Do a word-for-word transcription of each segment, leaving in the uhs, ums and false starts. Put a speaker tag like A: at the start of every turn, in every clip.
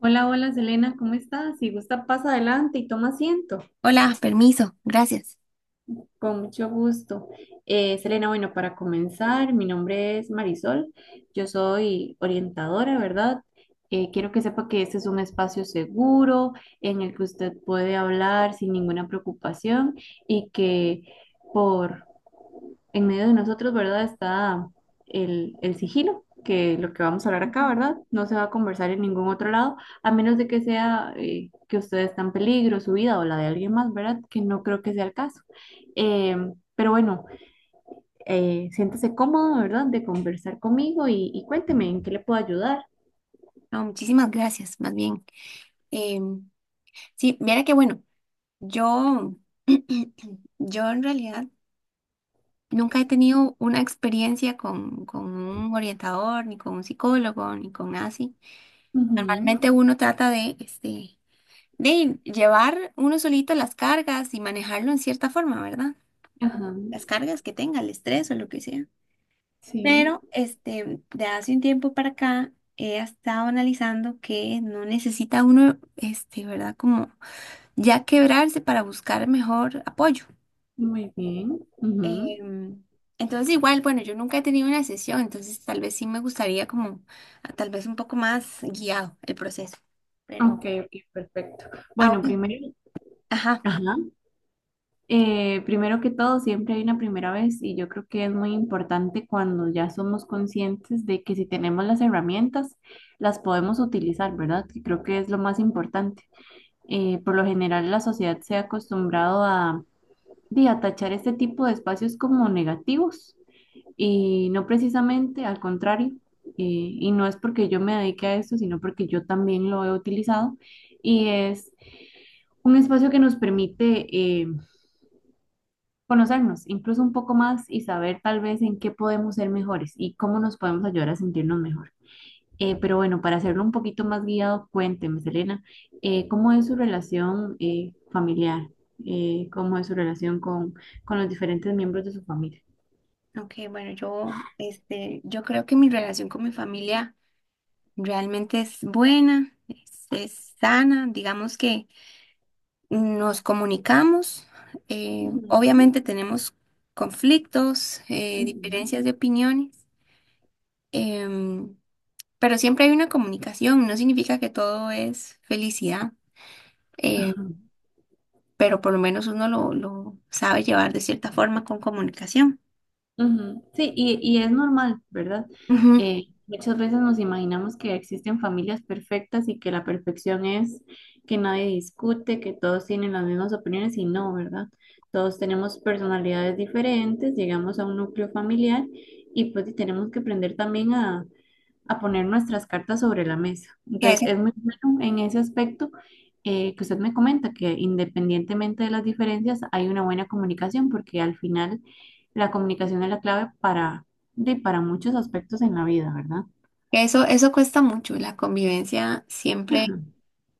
A: Hola, hola Selena, ¿cómo estás? Si gusta, pasa adelante y toma asiento.
B: Hola, permiso, gracias.
A: Con mucho gusto. Eh, Selena, bueno, para comenzar, mi nombre es Marisol, yo soy orientadora, ¿verdad? Eh, quiero que sepa que este es un espacio seguro en el que usted puede hablar sin ninguna preocupación y que por en medio de nosotros, ¿verdad? Está el, el sigilo, que lo que vamos a hablar acá,
B: Ujú.
A: ¿verdad? No se va a conversar en ningún otro lado, a menos de que sea eh, que usted está en peligro, su vida o la de alguien más, ¿verdad? Que no creo que sea el caso. Eh, pero bueno, eh, siéntese cómodo, ¿verdad? De conversar conmigo y, y cuénteme en qué le puedo ayudar.
B: No, muchísimas gracias, más bien. Em, sí, mira que bueno, yo, yo en realidad nunca he tenido una experiencia con, con un orientador, ni con un psicólogo, ni con nada así.
A: Ujú,
B: Normalmente uno trata de, este, de llevar uno solito las cargas y manejarlo en cierta forma, ¿verdad?
A: ajá,
B: Las cargas que tenga, el estrés o lo que sea. Pero
A: sí,
B: este, de hace un tiempo para acá he estado analizando que no necesita uno, este, ¿verdad? Como ya quebrarse para buscar mejor apoyo.
A: muy bien. Ujú.
B: Em, entonces igual, bueno, yo nunca he tenido una sesión, entonces tal vez sí me gustaría como, ah, tal vez un poco más guiado el proceso. Pero
A: Ok, ok, perfecto. Bueno,
B: ahora,
A: primero,
B: ajá,
A: ajá. Eh, primero que todo, siempre hay una primera vez y yo creo que es muy importante cuando ya somos conscientes de que si tenemos las herramientas, las podemos utilizar, ¿verdad? Que creo que es lo más importante. Eh, por lo general, la sociedad se ha acostumbrado a, di, a tachar este tipo de espacios como negativos y no precisamente al contrario. Eh, y no es porque yo me dedique a esto, sino porque yo también lo he utilizado y es un espacio que nos permite eh, conocernos incluso un poco más y saber tal vez en qué podemos ser mejores y cómo nos podemos ayudar a sentirnos mejor. Eh, pero bueno, para hacerlo un poquito más guiado, cuénteme, Selena, eh, ¿cómo es su relación eh, familiar? Eh, ¿cómo es su relación con, con los diferentes miembros de su familia?
B: ok, bueno, yo, este, yo creo que mi relación con mi familia realmente es buena, es es sana, digamos que nos comunicamos, eh, obviamente tenemos conflictos, eh, diferencias
A: Ujú.
B: de opiniones, em, pero siempre hay una comunicación, no significa que todo es felicidad, eh, pero por lo menos uno lo, lo sabe llevar de cierta forma con comunicación.
A: Ujú, sí, y, y es normal, ¿verdad?
B: Ujú.
A: Eh, muchas veces nos imaginamos que existen familias perfectas y que la perfección es que nadie discute, que todos tienen las mismas opiniones y no, ¿verdad? Todos tenemos personalidades diferentes, llegamos a un núcleo familiar y pues y tenemos que aprender también a poner nuestras cartas sobre la mesa.
B: Que
A: Entonces,
B: eso,
A: es muy bueno en ese aspecto eh, que usted me comenta, que independientemente de las diferencias, hay una buena comunicación, porque al final la comunicación es la clave para, de, para muchos aspectos en la vida, ¿verdad?
B: que eso, eso cuesta mucho, la convivencia siempre,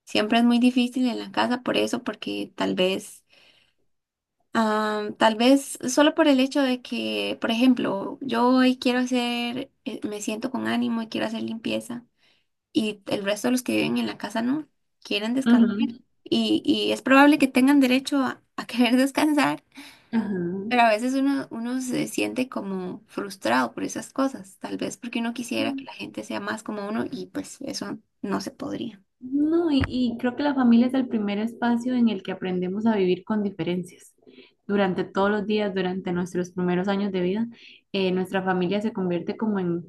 B: siempre es muy difícil en la casa por eso, porque tal vez, ah, tal vez solo por el hecho de que, por ejemplo, yo hoy quiero hacer, eh, me siento con ánimo y quiero hacer limpieza y el resto de los que viven en la casa no, quieren descansar
A: Ujú.
B: y, y es probable que tengan derecho a, a querer descansar,
A: Ajá.
B: pero a veces uno, uno se siente como frustrado por esas cosas, tal vez porque uno quisiera que la gente sea más como uno y pues eso no se podría.
A: No, y, y creo que la familia es el primer espacio en el que aprendemos a vivir con diferencias. Durante todos los días, durante nuestros primeros años de vida, eh, nuestra familia se convierte como en,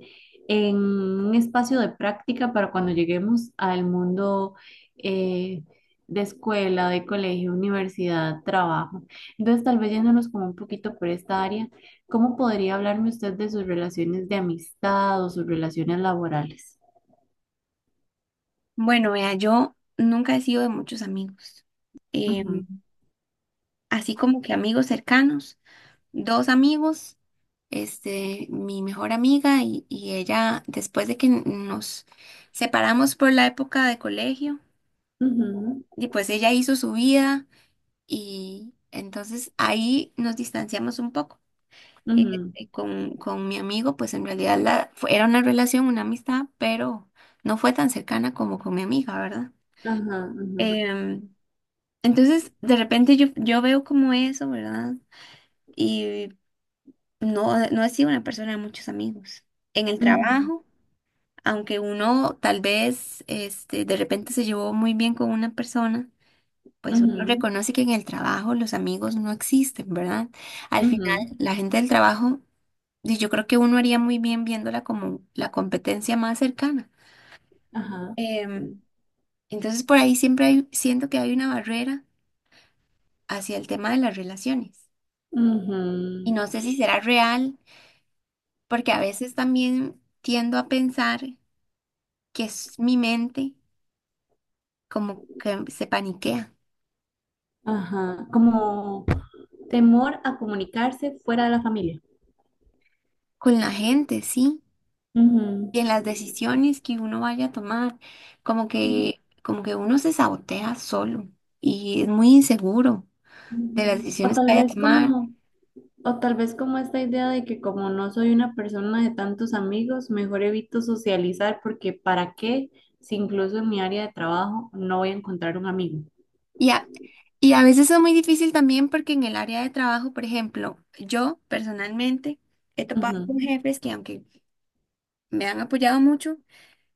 A: en un espacio de práctica para cuando lleguemos al mundo eh, de escuela, de colegio, universidad, trabajo. Entonces, tal vez yéndonos como un poquito por esta área, ¿cómo podría hablarme usted de sus relaciones de amistad o sus relaciones laborales?
B: Bueno, vea, yo nunca he sido de muchos amigos,
A: Ujú,
B: em, así como que amigos cercanos. Dos amigos, este, mi mejor amiga y, y ella, después de que nos separamos por la época de colegio,
A: ujú,
B: y pues ella hizo su vida y entonces ahí nos distanciamos un poco. Eh,
A: ujú.
B: eh, con, con mi amigo, pues en realidad la, fue- era una relación, una amistad, pero no fue tan cercana como con mi amiga, ¿verdad?
A: Ajá, ajá,
B: Em, entonces, de repente yo, yo veo como eso, ¿verdad? Y no, eh, no he sido una persona de muchos amigos. En el
A: ujú,
B: trabajo, aunque uno tal vez este, de repente se llevó muy bien con una persona, pues uno
A: ujú,
B: reconoce que en el trabajo los amigos no existen, ¿verdad? Al final,
A: ujú,
B: la gente del trabajo, y yo creo que uno haría muy bien viéndola como la competencia más cercana.
A: ajá,
B: Em, entonces, por ahí siempre hay- siento que hay una barrera hacia el tema de las relaciones. Y
A: ujú,
B: no sé si será real, porque a veces también tiendo a pensar que es mi mente como que se paniquea
A: ajá. Como temor a comunicarse fuera de la familia.
B: con la gente, ¿sí?
A: Ujú,
B: Y en las decisiones que uno vaya a tomar, como que, como que uno se sabotea solo y es muy inseguro de las
A: ujú. O
B: decisiones que
A: tal
B: vaya a
A: vez
B: tomar.
A: como, o tal vez como esta idea de que como no soy una persona de tantos amigos, mejor evito socializar porque ¿para qué? Si incluso en mi área de trabajo no voy a encontrar un amigo.
B: Y a, y a veces es muy difícil también porque en el área de trabajo, por ejemplo, yo personalmente he topado con
A: Ujú,
B: jefes que aunque me han apoyado mucho,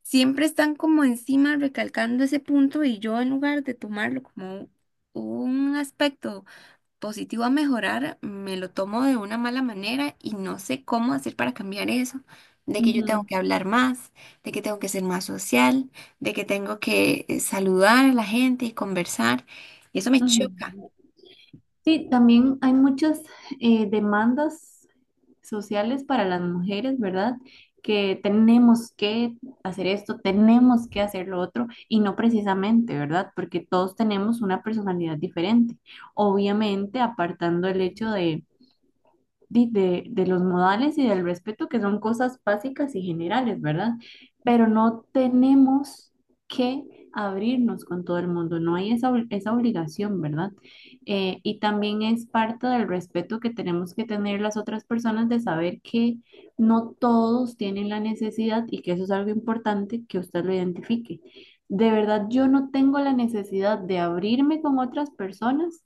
B: siempre están como encima recalcando ese punto y yo en lugar de tomarlo como un aspecto positivo a mejorar, me lo tomo de una mala manera y no sé cómo hacer para cambiar eso, de que yo tengo
A: ujú,
B: que hablar más, de que tengo que ser más social, de que tengo que eh, saludar a la gente y conversar, y eso me choca.
A: ujú. Sí, también hay muchas eh, demandas sociales para las mujeres, ¿verdad? Que tenemos que hacer esto, tenemos que hacer lo otro, y no precisamente, ¿verdad? Porque todos tenemos una personalidad diferente. Obviamente, apartando el hecho de di- de, de los modales y del respeto, que son cosas básicas y generales, ¿verdad? Pero no tenemos que abrirnos con todo el mundo, no hay esa, ob- esa obligación, ¿verdad? Eh, y también es parte del respeto que tenemos que tener las otras personas de saber que no todos tienen la necesidad y que eso es algo importante que usted lo identifique. De verdad, yo no tengo la necesidad de abrirme con otras personas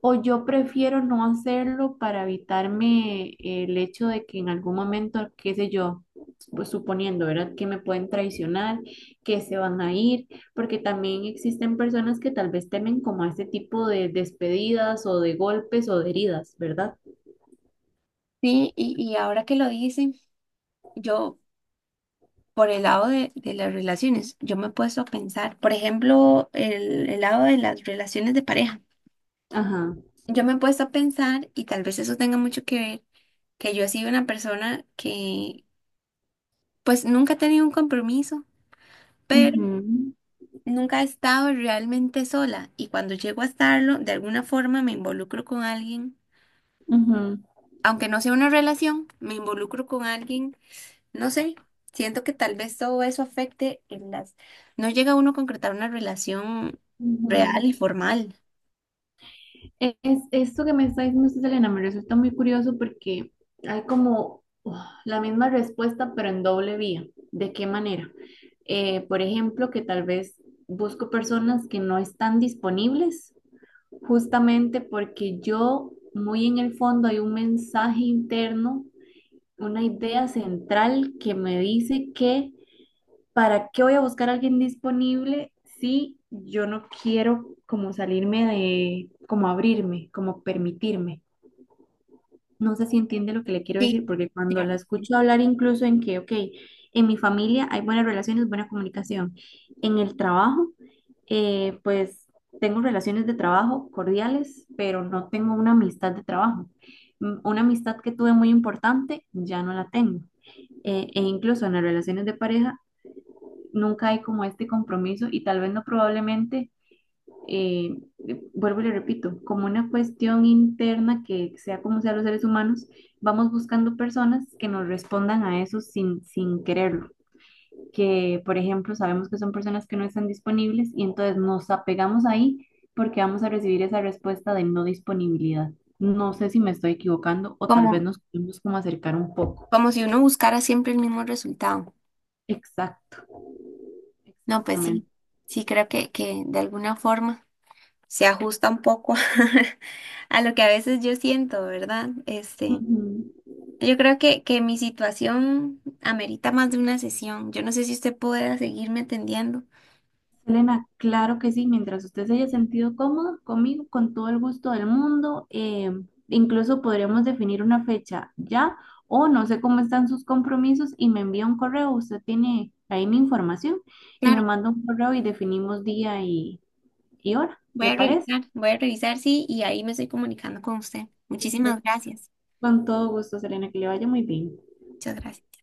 A: o yo prefiero no hacerlo para evitarme el hecho de que en algún momento, qué sé yo, pues suponiendo, ¿verdad? Que me pueden traicionar, que se van a ir, porque también existen personas que tal vez temen como a este tipo de despedidas o de golpes o de heridas, ¿verdad?
B: Sí, y, y ahora que lo dicen, yo por el lado de, de las relaciones, yo me he puesto a pensar, por ejemplo, el, el lado de las relaciones de pareja.
A: Ajá.
B: Yo me he puesto a pensar, y tal vez eso tenga mucho que ver, que yo he sido una persona que pues nunca he tenido un compromiso, pero
A: Ujú,
B: nunca he estado realmente sola. Y cuando llego a estarlo, de alguna forma me involucro con alguien,
A: ujú,
B: aunque no sea una relación, me involucro con alguien. No sé, siento que tal vez todo eso afecte en las... No llega uno a concretar una relación real
A: ujú.
B: y formal.
A: Es, Esto que me está diciendo usted, Elena, me resulta muy curioso porque hay como uf, la misma respuesta, pero en doble vía. ¿De qué manera? Eh, por ejemplo, que tal vez busco personas que no están disponibles justamente porque yo, muy en el fondo, hay un mensaje interno, una idea central que me dice que ¿para qué voy a buscar a alguien disponible si yo no quiero como salirme de, como abrirme, como permitirme? No sé si entiende lo que le quiero
B: Sí,
A: decir, porque cuando
B: ya.
A: la escucho hablar incluso en que, ok, en mi familia hay buenas relaciones, buena comunicación, en el trabajo, eh, pues tengo relaciones de trabajo cordiales, pero no tengo una amistad de trabajo. Mm, una amistad que tuve muy importante, ya no la tengo eh, e incluso en las relaciones de pareja nunca hay como este compromiso y tal vez no probablemente, eh, vuelvo y le repito, como una cuestión interna que sea como sea los seres humanos, vamos buscando personas que nos respondan a eso sin, sin quererlo, que por ejemplo sabemos que son personas que no están disponibles y entonces nos apegamos ahí porque vamos a recibir esa respuesta de no disponibilidad. No sé si me estoy equivocando o tal vez
B: Como,
A: nos podemos como acercar un poco.
B: como si uno buscara siempre el mismo resultado.
A: Exacto,
B: No, pues sí,
A: exactamente.
B: sí creo que, que de alguna forma se ajusta un poco a lo que a veces yo siento, ¿verdad?
A: Uh
B: Este,
A: -huh.
B: yo creo que, que mi situación amerita más de una sesión. Yo no sé si usted pueda seguirme atendiendo.
A: Selena, claro que sí, mientras usted se haya sentido cómodo conmigo, con todo el gusto del mundo, eh, incluso podríamos definir una fecha ya o no sé cómo están sus compromisos y me envía un correo, usted tiene ahí mi información y me
B: Claro.
A: manda un correo y definimos día y, y hora,
B: Voy
A: ¿le
B: a
A: parece?
B: revisar, voy a revisar, sí, y ahí me estoy comunicando con usted. Muchísimas
A: Perfecto.
B: gracias.
A: Con todo gusto, Selena, que le vaya muy bien.
B: Muchas gracias.